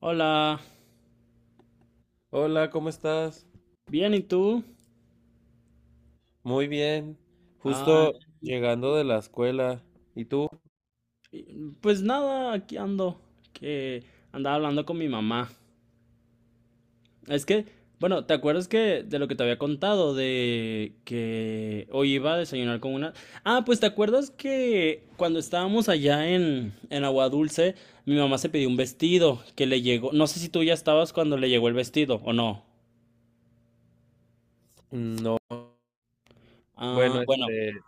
Hola, Hola, ¿cómo estás? bien, ¿y tú? Muy bien. Ah, Justo llegando de la escuela. ¿Y tú? pues nada, aquí ando, que andaba hablando con mi mamá. Es que, bueno, ¿te acuerdas que de lo que te había contado de que hoy iba a desayunar con una... Ah, pues ¿te acuerdas que cuando estábamos allá en Agua Dulce, mi mamá se pidió un vestido que le llegó, no sé si tú ya estabas cuando le llegó el vestido o no. No. Ah, Bueno, bueno. este,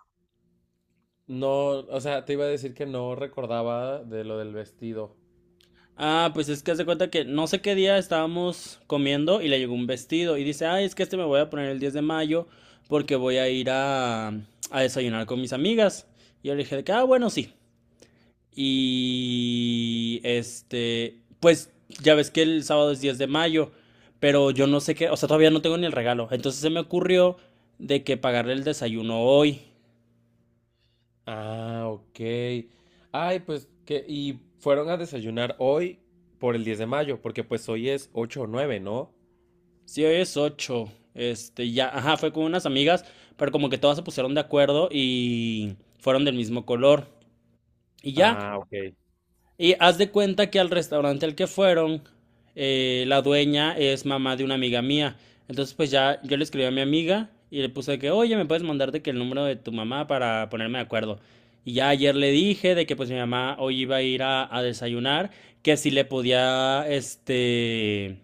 no, o sea, te iba a decir que no recordaba de lo del vestido. Ah, pues es que haz de cuenta que no sé qué día estábamos comiendo y le llegó un vestido y dice, ay, es que este me voy a poner el 10 de mayo porque voy a ir a desayunar con mis amigas. Y yo le dije de que, ah, bueno, sí. Y este, pues ya ves que el sábado es 10 de mayo, pero yo no sé qué, o sea, todavía no tengo ni el regalo. Entonces se me ocurrió de que pagarle el desayuno hoy. Ah, ok. Ay, pues y fueron a desayunar hoy por el 10 de mayo, porque pues hoy es 8 o 9, ¿no? Sí, hoy es 8. Este, ya, ajá, fue con unas amigas, pero como que todas se pusieron de acuerdo y fueron del mismo color. Y ya, Ah, ok. y haz de cuenta que al restaurante al que fueron, la dueña es mamá de una amiga mía. Entonces, pues ya yo le escribí a mi amiga y le puse de que, oye, me puedes mandar de que el número de tu mamá para ponerme de acuerdo. Y ya ayer le dije de que pues mi mamá hoy iba a ir a desayunar, que si le podía, este,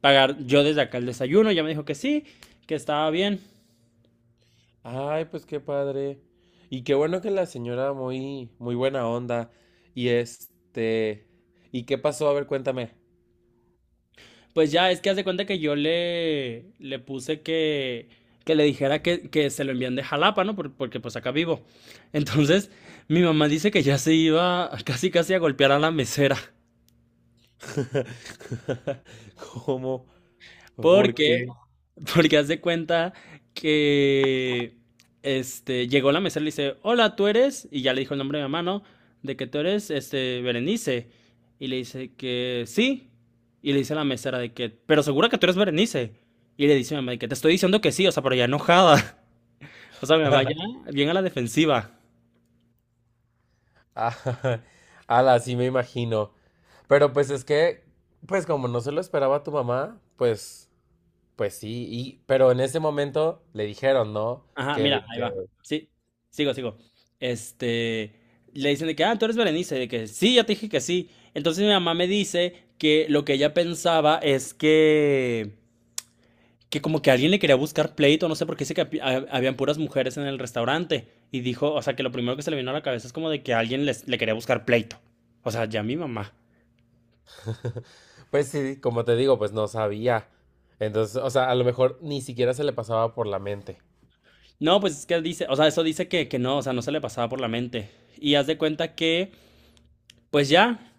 pagar yo desde acá el desayuno. Ya me dijo que sí, que estaba bien. Ay, pues qué padre. Y qué bueno que la señora muy, muy buena onda. Y este, ¿y qué pasó? A ver, cuéntame. Pues ya, es que haz de cuenta que yo le puse que le dijera que se lo envían de Jalapa, ¿no? Porque pues acá vivo. Entonces, mi mamá dice que ya se iba casi casi a golpear a la mesera. ¿Cómo? ¿Por Porque, qué? Porque haz de cuenta que este, llegó la mesera y le dice, hola, ¿tú eres? Y ya le dijo el nombre de mi mamá, ¿no? De que tú eres, este, Berenice. Y le dice que sí. Y le dice a la mesera de que, pero segura que tú eres Berenice. Y le dice a mi mamá de que te estoy diciendo que sí, o sea, pero ya enojada. O sea, mi mamá ya bien a la defensiva. Ah, Ala, sí me imagino. Pero pues es que, pues como no se lo esperaba tu mamá, pues, pues sí, y, pero en ese momento le dijeron, ¿no? Ajá, Que mira, el, ahí que, va. Sí, sigo, sigo. Este, le dicen de que, ah, tú eres Berenice, de que sí, ya te dije que sí. Entonces mi mamá me dice que lo que ella pensaba es que como que alguien le quería buscar pleito, no sé, porque dice que habían puras mujeres en el restaurante. Y dijo, o sea, que lo primero que se le vino a la cabeza es como de que alguien les, le quería buscar pleito. O sea, ya mi mamá. pues sí, como te digo, pues no sabía. Entonces, o sea, a lo mejor ni siquiera se le pasaba por la mente. No, pues es que dice, o sea, eso dice que no, o sea, no se le pasaba por la mente. Y haz de cuenta que, pues ya.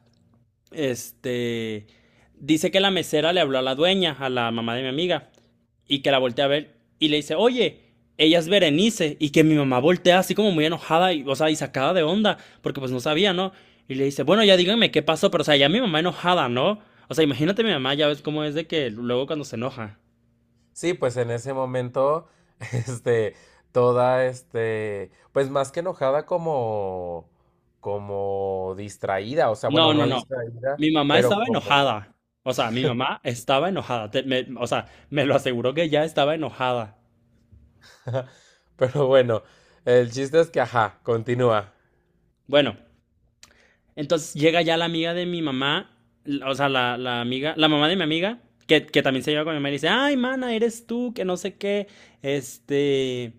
Este. Dice que la mesera le habló a la dueña, a la mamá de mi amiga, y que la voltea a ver y le dice, oye, ella es Berenice, y que mi mamá voltea así como muy enojada, y, o sea, y sacada de onda, porque pues no sabía, ¿no? Y le dice, bueno, ya díganme qué pasó, pero o sea, ya mi mamá enojada, ¿no? O sea, imagínate mi mamá, ya ves cómo es de que luego cuando se enoja. Sí, pues en ese momento, este, toda, este, pues más que enojada como, como distraída, o sea, No, bueno, no, no no. distraída, Mi mamá pero estaba como, enojada. O sea, mi mamá estaba enojada. O sea, me lo aseguró que ya estaba enojada. pero bueno, el chiste es que, ajá, continúa. Bueno, entonces llega ya la amiga de mi mamá, o sea, la amiga, la mamá de mi amiga, que también se lleva con mi mamá y dice, ay, mana, eres tú, que no sé qué, este,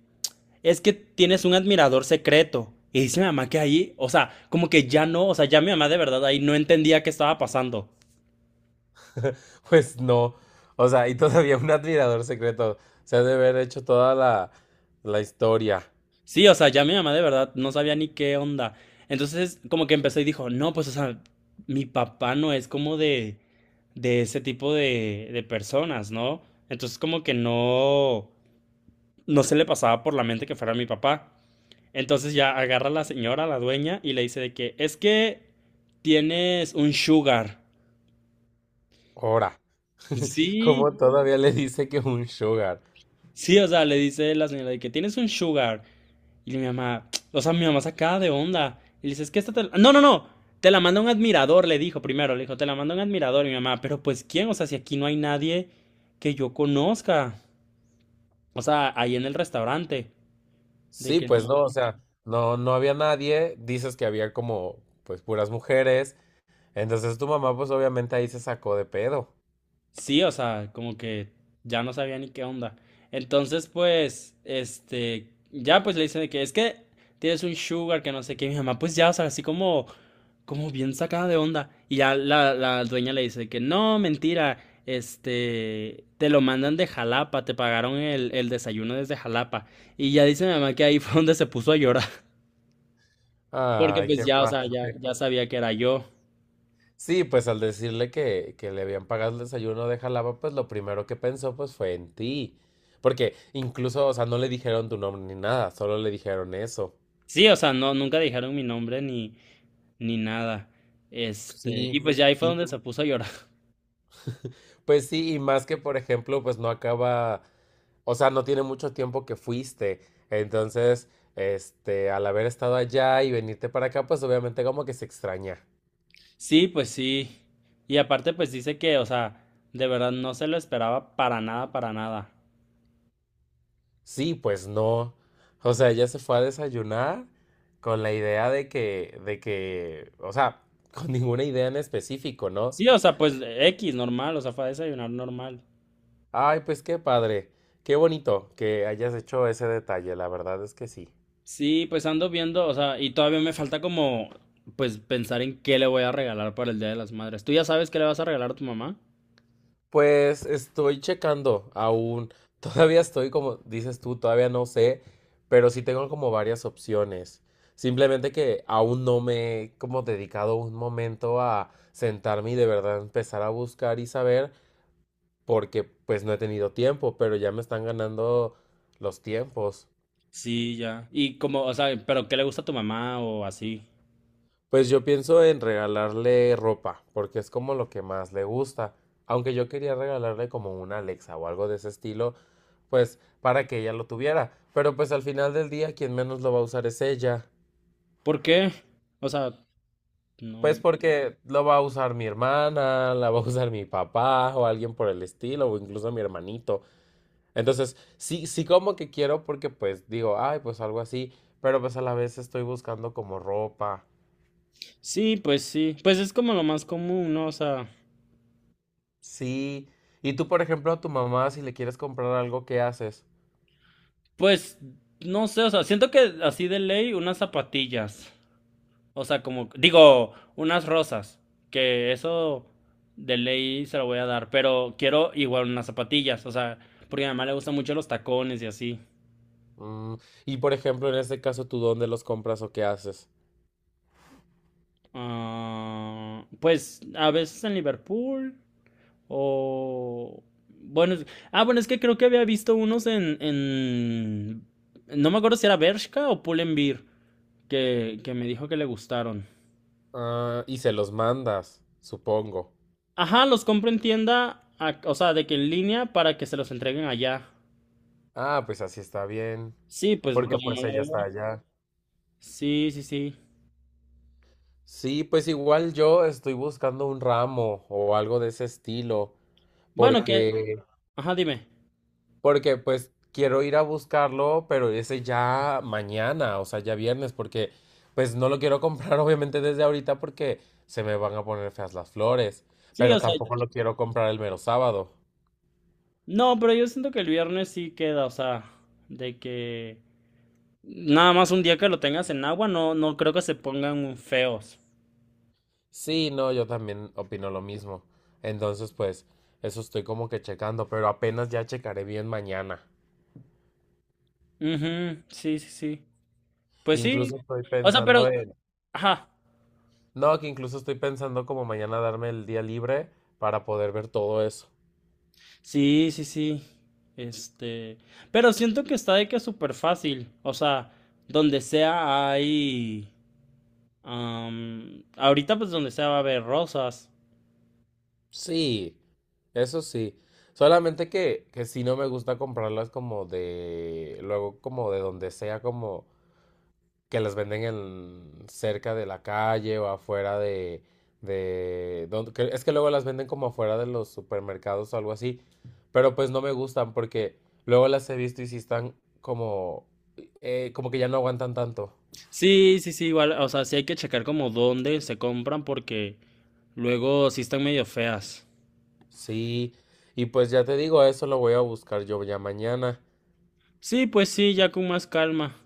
es que tienes un admirador secreto. Y dice mi mamá que ahí, o sea, como que ya no, o sea, ya mi mamá de verdad ahí no entendía qué estaba pasando. Pues no, o sea, y todavía un admirador secreto, se ha de haber hecho toda la historia, Sí, o sea, ya mi mamá de verdad no sabía ni qué onda. Entonces, como que empezó y dijo, no, pues, o sea, mi papá no es como de ese tipo de personas, ¿no? Entonces, como que no, no se le pasaba por la mente que fuera mi papá. Entonces ya agarra a la señora, la dueña, y le dice de que es que tienes un sugar. ahora, Sí, como todavía le dice que un sugar. sí, o sea, le dice la señora de que tienes un sugar. Y mi mamá, o sea, mi mamá sacada de onda. Y le dice, es que esta te la... No, no, no, te la manda un admirador, le dijo primero, le dijo, te la manda un admirador. Y mi mamá, pero pues ¿quién? O sea, si aquí no hay nadie que yo conozca. O sea, ahí en el restaurante. De Sí, que pues no. no, o sea, no, no había nadie, dices que había como, pues, puras mujeres, entonces tu mamá, pues, obviamente ahí se sacó de pedo. Sí, o sea, como que ya no sabía ni qué onda. Entonces, pues, este, ya pues le dicen de que es que tienes un sugar, que no sé qué. Mi mamá, pues ya, o sea, así como bien sacada de onda. Y ya la dueña le dice de que no, mentira, este, te lo mandan de Jalapa, te pagaron el desayuno desde Jalapa. Y ya dice mi mamá que ahí fue donde se puso a llorar. Porque Ay, pues qué ya, o sea, ya, padre. ya sabía que era yo. Sí, pues al decirle que, le habían pagado el desayuno de Jalapa, pues lo primero que pensó, pues, fue en ti. Porque incluso, o sea, no le dijeron tu nombre ni nada, solo le dijeron eso. Sí, o sea, no, nunca dijeron mi nombre ni nada. Este, y Sí. pues ya ahí fue donde se puso a llorar. Pues sí, y más que, por ejemplo, pues no acaba, o sea, no tiene mucho tiempo que fuiste. Entonces, este, al haber estado allá y venirte para acá, pues obviamente como que se extraña. Sí, pues sí. Y aparte, pues dice que, o sea, de verdad no se lo esperaba para nada, para nada. Sí, pues no. O sea, ella se fue a desayunar con la idea de que, o sea, con ninguna idea en específico, ¿no? Sí, o sea, pues X, normal, o sea, fue a desayunar normal. Ay, pues qué padre, qué bonito que hayas hecho ese detalle, la verdad es que sí. Sí, pues ando viendo, o sea, y todavía me falta como, pues pensar en qué le voy a regalar para el Día de las Madres. ¿Tú ya sabes qué le vas a regalar a tu mamá? Pues estoy checando aún, todavía estoy como dices tú, todavía no sé, pero sí tengo como varias opciones. Simplemente que aún no me he como dedicado un momento a sentarme y de verdad empezar a buscar y saber, porque pues no he tenido tiempo, pero ya me están ganando los tiempos. Sí, ya. Y como, o sea, pero ¿qué le gusta a tu mamá o así? Pues yo pienso en regalarle ropa, porque es como lo que más le gusta. Aunque yo quería regalarle como una Alexa o algo de ese estilo, pues para que ella lo tuviera. Pero pues al final del día quien menos lo va a usar es ella. ¿Por qué? O sea, Pues no. porque lo va a usar mi hermana, la va a usar mi papá o alguien por el estilo, o incluso mi hermanito. Entonces, sí, sí como que quiero porque pues digo, ay, pues algo así, pero pues a la vez estoy buscando como ropa. Sí. Pues es como lo más común, ¿no? O sea, Sí, y tú, por ejemplo, a tu mamá, si le quieres comprar algo, ¿qué haces? pues no sé, o sea, siento que así de ley unas zapatillas. O sea, como, digo, unas rosas. Que eso de ley se lo voy a dar. Pero quiero igual unas zapatillas. O sea, porque a mi mamá le gustan mucho los tacones y así. Mm, y por ejemplo, en este caso, ¿tú dónde los compras o qué haces? Ah, pues a veces en Liverpool. O... Bueno, ah, bueno, es que creo que había visto unos en... No me acuerdo si era Bershka o Pull&Bear, que me dijo que le gustaron. Ah, y se los mandas, supongo. Ajá, los compro en tienda, o sea, de que en línea para que se los entreguen allá. Ah, pues así está bien, Sí, pues porque como no pues la ella veo. está allá. Sí, sí, sí. Sí, pues igual yo estoy buscando un ramo o algo de ese estilo, Bueno, que... porque Ajá, dime. Porque pues quiero ir a buscarlo, pero ese ya mañana, o sea, ya viernes, porque pues no lo quiero comprar obviamente desde ahorita porque se me van a poner feas las flores, Sí, o pero sea... tampoco lo quiero comprar el mero sábado. No, pero yo siento que el viernes sí queda, o sea, de que... Nada más un día que lo tengas en agua, no, no creo que se pongan feos. Sí, no, yo también opino lo mismo. Entonces, pues eso estoy como que checando, pero apenas ya checaré bien mañana. Ujú, sí, sí, sí. Pues sí. Incluso estoy O sea, pero... pensando en... Ajá. No, que incluso estoy pensando como mañana darme el día libre para poder ver todo eso. Sí, sí, sí. Este... Pero siento que está de que es súper fácil. O sea, donde sea hay... ahorita pues donde sea va a haber rosas. Sí, eso sí. Solamente que, sí no me gusta comprarlas como de, luego como de donde sea, como que las venden en, cerca de la calle o afuera de, donde, es que luego las venden como afuera de los supermercados o algo así. Pero pues no me gustan porque luego las he visto y sí están como, como que ya no aguantan tanto. Sí, sí, sí, igual. O sea, sí hay que checar como dónde se compran porque luego sí están medio feas. Sí, y pues ya te digo, eso lo voy a buscar yo ya mañana. Sí, pues sí, ya con más calma.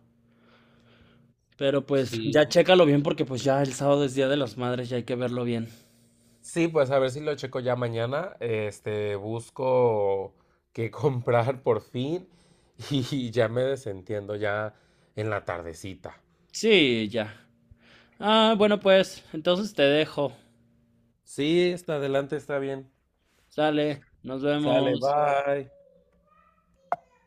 Pero pues Sí. ya chécalo bien porque pues ya el sábado es Día de las Madres y hay que verlo bien. Sí, pues a ver si lo checo ya mañana. Este, busco qué comprar por fin y ya me desentiendo ya en la tardecita. Sí, ya. Ah, bueno, pues, entonces te dejo. Sí, está adelante, está bien. Sale, nos Sale, vemos. bye.